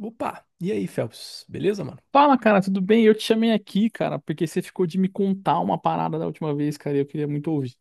Opa! E aí, Phelps? Beleza, mano? Fala, cara, tudo bem? Eu te chamei aqui, cara, porque você ficou de me contar uma parada da última vez, cara, e eu queria muito ouvir.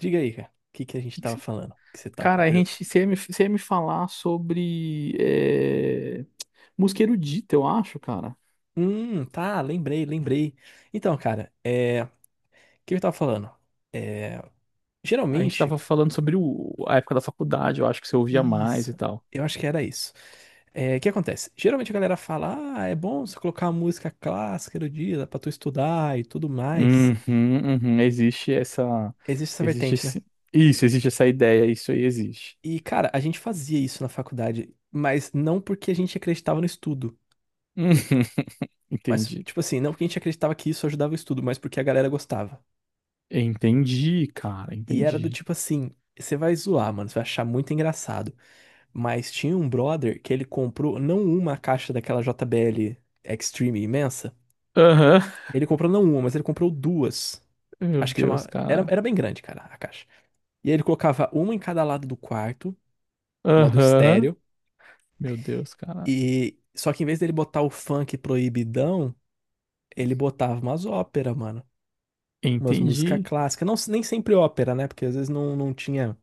Diga aí, cara. O que que a gente Que que tava você- falando? Que você tá com Cara, curioso? Você ia me falar sobre música erudita, eu acho, cara. Tá, lembrei. Então, cara, é. O que eu tava falando? É. A gente Geralmente. tava falando sobre a época da faculdade, eu acho que você ouvia mais e Isso. tal. Eu acho que era isso. É, o que acontece? Geralmente a galera fala, ah, é bom você colocar música clássica do dia, dá pra tu estudar e tudo mais. Uhum, uhum, Existe essa existe vertente, né? esse, isso, existe essa ideia, isso aí existe. E, cara, a gente fazia isso na faculdade, mas não porque a gente acreditava no estudo. Uhum, Mas, entendi. tipo assim, não porque a gente acreditava que isso ajudava o estudo, mas porque a galera gostava. Entendi, cara, E era do entendi. tipo assim, você vai zoar, mano, você vai achar muito engraçado. Mas tinha um brother que ele comprou não uma caixa daquela JBL Extreme imensa. Aham. Ele comprou não uma, mas ele comprou duas. Meu Acho que Deus, chamava. Cara. Era bem grande, cara, a caixa. E aí ele colocava uma em cada lado do quarto, modo Aham. estéreo. Meu Deus, cara. E só que em vez dele botar o funk proibidão, ele botava umas óperas, mano. Umas músicas Entendi. clássicas. Não, nem sempre ópera, né? Porque às vezes não tinha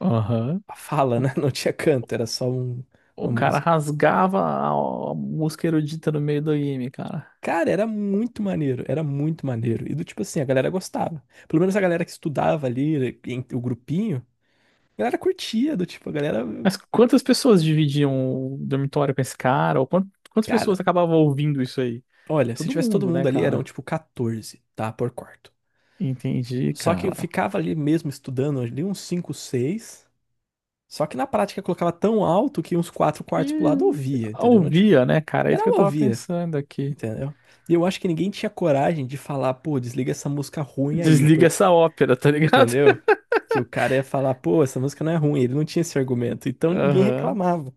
Aham. a fala, O, né? Não tinha canto, era só o uma cara música. rasgava a música erudita no meio do anime, cara. Cara, era muito maneiro, era muito maneiro. E do tipo assim, a galera gostava. Pelo menos a galera que estudava ali, o grupinho, a galera curtia, do tipo, a galera. Mas quantas pessoas dividiam o dormitório com esse cara? Ou quantas Cara, pessoas acabavam ouvindo isso aí? olha, se Todo tivesse todo mundo, mundo né, ali, eram cara? tipo 14, tá? Por quarto. Entendi, Só que eu cara. ficava ali mesmo estudando, ali uns 5 seis. Só que na prática eu colocava tão alto que uns quatro quartos pro lado eu Que ouvia, entendeu? Não tinha- Ouvia, né, cara? É isso Geral que eu eu tava ouvia. pensando aqui. Entendeu? E eu acho que ninguém tinha coragem de falar, pô, desliga essa música ruim aí, Desliga porque, essa ópera, tá ligado? entendeu? Que o cara ia falar, pô, essa música não é ruim, ele não tinha esse argumento, então ninguém Aham. reclamava.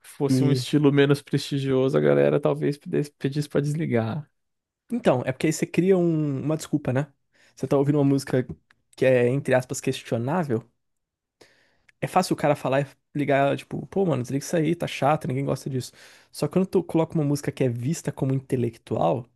Fosse um E estilo menos prestigioso, a galera talvez pedisse pra desligar. então, é porque aí você cria uma desculpa, né? Você tá ouvindo uma música que é, entre aspas, questionável, é fácil o cara falar e ligar, tipo, pô, mano, desliga isso aí, tá chato, ninguém gosta disso. Só que quando tu coloca uma música que é vista como intelectual,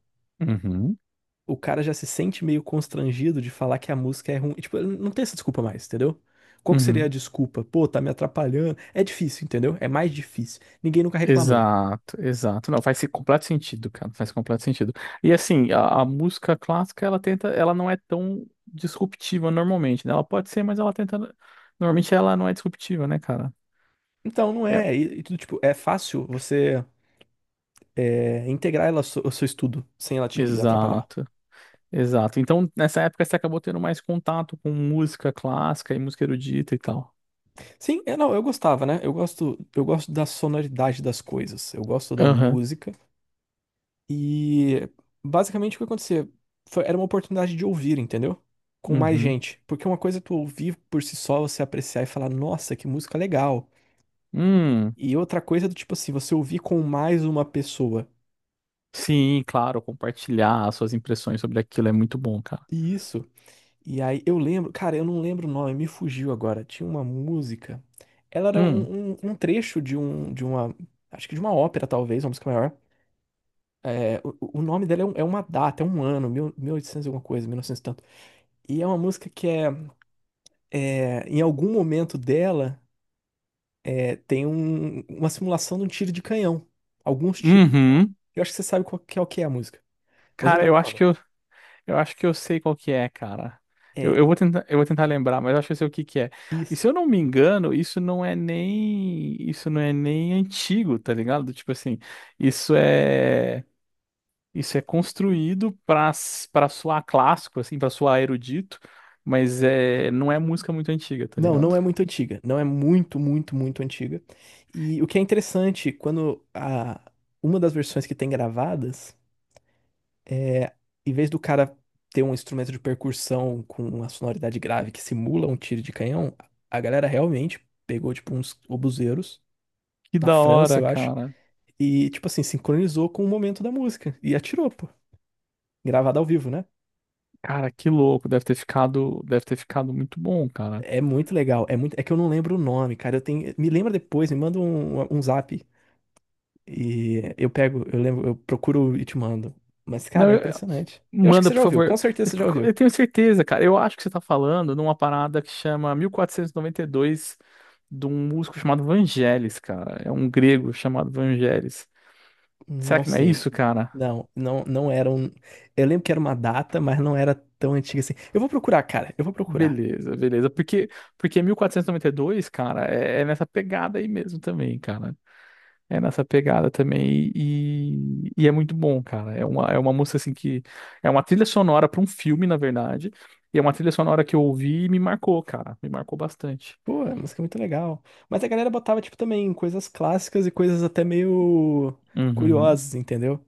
Uhum. o cara já se sente meio constrangido de falar que a música é ruim. Tipo, não tem essa desculpa mais, entendeu? Qual que seria a Uhum. desculpa? Pô, tá me atrapalhando. É difícil, entendeu? É mais difícil. Ninguém nunca reclamou. Exato, exato. Não, faz completo sentido, cara. Faz completo sentido. E assim, a música clássica, ela tenta, ela não é tão disruptiva normalmente, né? Ela pode ser, mas ela tenta. Normalmente ela não é disruptiva, né, cara? Então, não É. é. E tudo, tipo, é fácil você é, integrar ela ao seu estudo sem ela te atrapalhar. Exato, exato. Então, nessa época você acabou tendo mais contato com música clássica e música erudita e tal. Sim, é, não, eu gostava, né? Eu gosto da sonoridade das coisas. Eu gosto da Aham. música. E basicamente o que acontecia era uma oportunidade de ouvir, entendeu? Com mais Uhum. gente. Porque uma coisa é tu ouvir por si só, você apreciar e falar, nossa, que música legal. Hum. E outra coisa é do tipo assim, você ouvir com mais uma pessoa. Sim, claro, compartilhar as suas impressões sobre aquilo é muito bom, cara. E isso. E aí eu lembro, cara, eu não lembro o nome, me fugiu agora. Tinha uma música. Ela era Hum. Um trecho de de uma, acho que de uma ópera, talvez, uma música maior. É, o nome dela é, é uma data, é um ano, mil, mil e oitocentos e alguma coisa, 1900 e novecentos e tanto. E é uma música que é. É, em algum momento dela, é, tem uma simulação de um tiro de canhão. Alguns tiros de canhão. Uhum. Eu acho que você sabe qual que é, o que é a música, mas eu não Cara, eu lembro o acho nome. que eu acho que eu sei qual que é, cara. É, Eu vou tentar lembrar, mas eu acho que eu sei o que que é. E isso. se eu não me engano, isso não é nem antigo, tá ligado? Tipo assim, isso é, isso é construído pra, pra soar clássico, assim, pra soar erudito, mas não é música muito antiga, tá Não, não ligado? é muito antiga. Não é muito antiga. E o que é interessante, quando a, uma das versões que tem gravadas, em vez do cara ter um instrumento de percussão com uma sonoridade grave que simula um tiro de canhão, a galera realmente pegou, tipo, uns obuseiros, Que na da França, hora, eu acho. cara. E, tipo assim, sincronizou com o momento da música. E atirou, pô. Gravada ao vivo, né? Cara, que louco, deve ter ficado muito bom, cara. É muito legal. É muito... é que eu não lembro o nome, cara. Eu tenho... Me lembra depois, me manda um zap. E eu pego, eu lembro, eu procuro e te mando. Mas, cara, Não, é eu- impressionante. Eu acho que Manda, você por já ouviu, com favor. certeza você já Eu ouviu. tenho certeza, cara. Eu acho que você tá falando numa parada que chama 1492 de um músico chamado Vangelis, cara. É um grego chamado Vangelis. Será Não que não é sei. isso, cara? Não era um. Eu lembro que era uma data, mas não era tão antiga assim. Eu vou procurar, cara, eu vou procurar. Beleza, beleza. Porque 1492, cara, é nessa pegada aí mesmo também, cara. É nessa pegada também e é muito bom, cara. É uma música assim que. É uma trilha sonora para um filme, na verdade. E é uma trilha sonora que eu ouvi e me marcou, cara. Me marcou bastante. Pô, a música é muito legal. Mas a galera botava, tipo, também coisas clássicas e coisas até meio Uhum. curiosas, entendeu?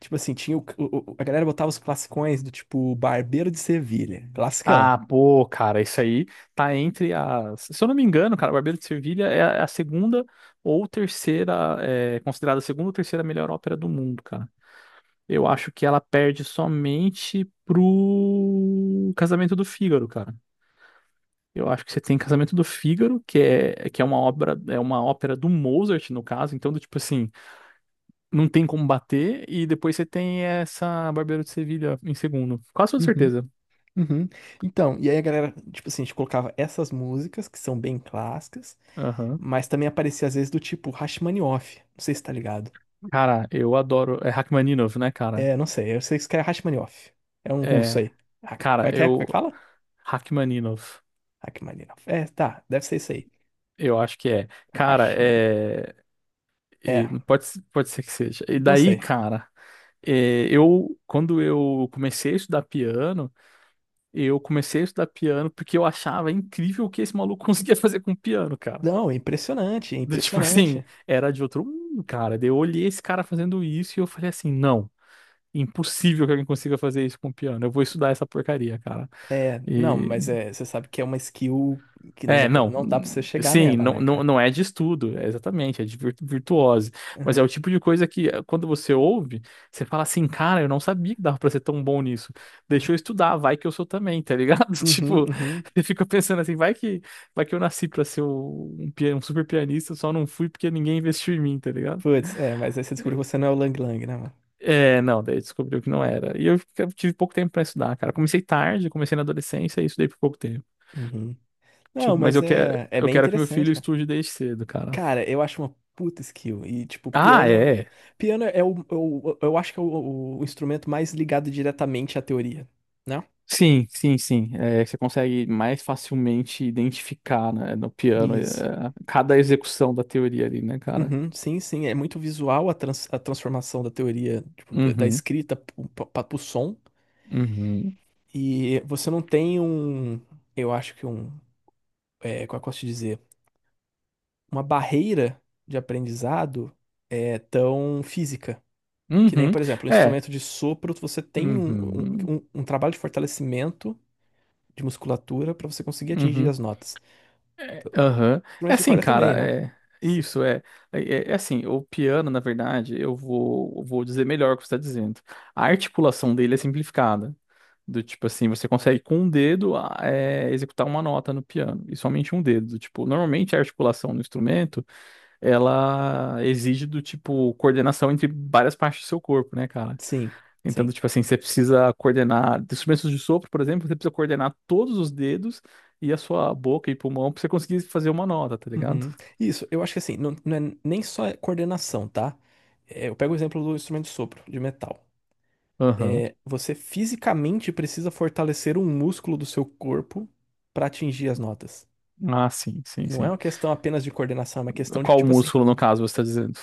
Tipo assim, tinha a galera botava os classicões do tipo Barbeiro de Sevilha, classicão. Ah, pô, cara, isso aí tá entre as. Se eu não me engano, cara, o Barbeiro de Sevilha é a segunda ou terceira, é considerada a segunda ou terceira melhor ópera do mundo, cara. Eu acho que ela perde somente pro Casamento do Fígaro, cara. Eu acho que você tem Casamento do Fígaro, que é uma obra, é uma ópera do Mozart, no caso, então, do tipo assim, não tem como bater, e depois você tem essa Barbeiro de Sevilha em segundo. Quase toda Uhum, certeza. uhum. Então, e aí a galera, tipo assim, a gente colocava essas músicas que são bem clássicas, Aham. mas também aparecia às vezes do tipo Rachmaninoff. Não sei se tá ligado. Cara, eu adoro. É Rachmaninov, né, cara? É, não sei, eu sei que isso que é Rachmaninoff. É um russo É. aí. Ah, como Cara, é que é? Como é eu. que fala? Rachmaninov. Rachmaninoff. É, tá, deve ser isso aí. Eu acho que é. Cara, Rachmaninoff. é. É, E pode, se- Pode ser que seja. E não daí, sei. cara, é, eu. Quando eu comecei a estudar piano, eu comecei a estudar piano porque eu achava incrível o que esse maluco conseguia fazer com o piano, cara. Não, é impressionante, é Do tipo assim, impressionante. era de outro mundo, cara. Daí eu olhei esse cara fazendo isso e eu falei assim: não, impossível que alguém consiga fazer isso com o piano. Eu vou estudar essa porcaria, cara. É, não, mas E é, você sabe que é uma skill que não dá É, pra, não dá pra você chegar nela, né, cara? não é de estudo, é exatamente, é de virtuose, mas é Aham. o tipo de coisa que quando você ouve, você fala assim, cara, eu não sabia que dava pra ser tão bom nisso, deixa eu estudar, vai que eu sou também, tá ligado? Uhum, Tipo, uhum. você fica pensando assim, vai que eu nasci pra ser um, um super pianista, só não fui porque ninguém investiu em mim, tá ligado? Putz, é, mas aí você descobriu que você não é o Lang Lang, né, mano? É, não, daí descobriu que não era, e eu tive pouco tempo pra estudar, cara, comecei tarde, comecei na adolescência e estudei por pouco tempo. Uhum. Não, Tipo, mas é, é eu bem quero que meu interessante, filho cara. estude desde cedo, cara. Cara, eu acho uma puta skill. E, tipo, Ah, piano. é. Piano é o. é o- Eu, acho que é o instrumento mais ligado diretamente à teoria, né? Sim, sim, sim. É, você consegue mais facilmente identificar, né, no piano, Isso. é, cada execução da teoria ali, né, cara? Uhum, sim, sim. É muito visual a, trans- a transformação da teoria, tipo, do- da Uhum, escrita pro, pra- pra- pro som. uhum, E você não tem um, eu acho que um, é, como é que eu posso te dizer? Uma barreira de aprendizado é tão física. Que nem, uhum. por exemplo, um É. instrumento de sopro, você tem Uhum, um- um trabalho de fortalecimento de musculatura para você conseguir atingir uhum. as notas. Aham. É Instrumento de assim, corda também, cara, né? Você- isso, é, é assim, o piano, na verdade, vou dizer melhor o que você está dizendo. A articulação dele é simplificada. Do tipo assim, você consegue com um dedo executar uma nota no piano, e somente um dedo. Do tipo, normalmente a articulação no instrumento, ela exige do tipo coordenação entre várias partes do seu corpo, né, cara? Sim, Então, sim. tipo assim, você precisa coordenar, de instrumentos de sopro, por exemplo, você precisa coordenar todos os dedos e a sua boca e pulmão pra você conseguir fazer uma nota, tá ligado? Uhum. Isso, eu acho que assim, não, não é nem só coordenação, tá? É, eu pego o exemplo do instrumento de sopro, de metal. Aham. É, você fisicamente precisa fortalecer um músculo do seu corpo para atingir as notas. Ah, sim, sim, Não é sim. uma questão apenas de coordenação, é uma questão de que, Qual tipo assim, músculo, no caso, você tá dizendo?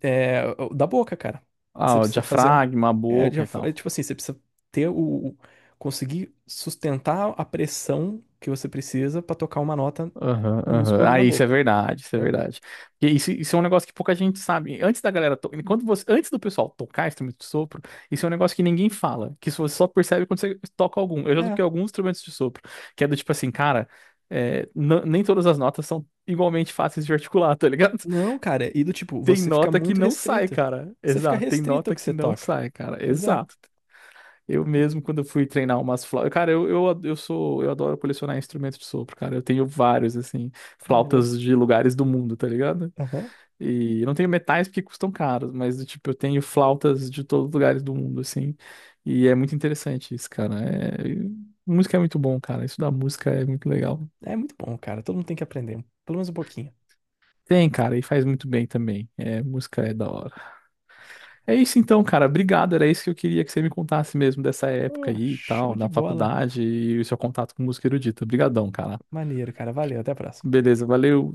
é, da boca, cara. Você Ah, o precisa fazer. Um, diafragma, a é, boca já e fa- é, tal. tipo assim, você precisa ter o. o- conseguir sustentar a pressão que você precisa para tocar uma nota Aham, com o aham. músculo ali Ah, na isso é boca. verdade, isso é Entendeu? verdade. Isso é um negócio que pouca gente sabe. Antes da galera, to... Enquanto você... antes do pessoal tocar instrumento de sopro, isso é um negócio que ninguém fala, que isso você só percebe quando você toca algum. Eu já É. toquei alguns instrumentos de sopro, que é do tipo assim, cara, nem todas as notas são igualmente fáceis de articular, tá ligado? Não, cara, e do tipo, Tem você fica nota que muito não sai, restrito. cara. Você fica Exato, tem restrito ao nota que que você não toca. sai, cara. Pois é. Exato. Eu Ent- mesmo, quando eu fui treinar umas flautas. Cara, eu sou. Eu adoro colecionar instrumentos de sopro, cara. Eu tenho vários, assim, Ah, maneiro. flautas de lugares do mundo, tá ligado? E eu não tenho metais porque custam caros, mas, tipo, eu tenho flautas de todos os lugares do mundo, assim. E é muito interessante isso, cara. É... Música é muito bom, cara. Isso da música é muito legal. É muito bom, cara. Todo mundo tem que aprender, pelo menos um pouquinho. Tem, cara, e faz muito bem também. É, música é da hora. É isso então, cara. Obrigado. Era isso que eu queria que você me contasse mesmo dessa época Ô, aí e show tal, de na bola. faculdade e o seu contato com música erudita. Obrigadão, cara. Maneiro, cara. Valeu, até a próxima. Beleza, valeu.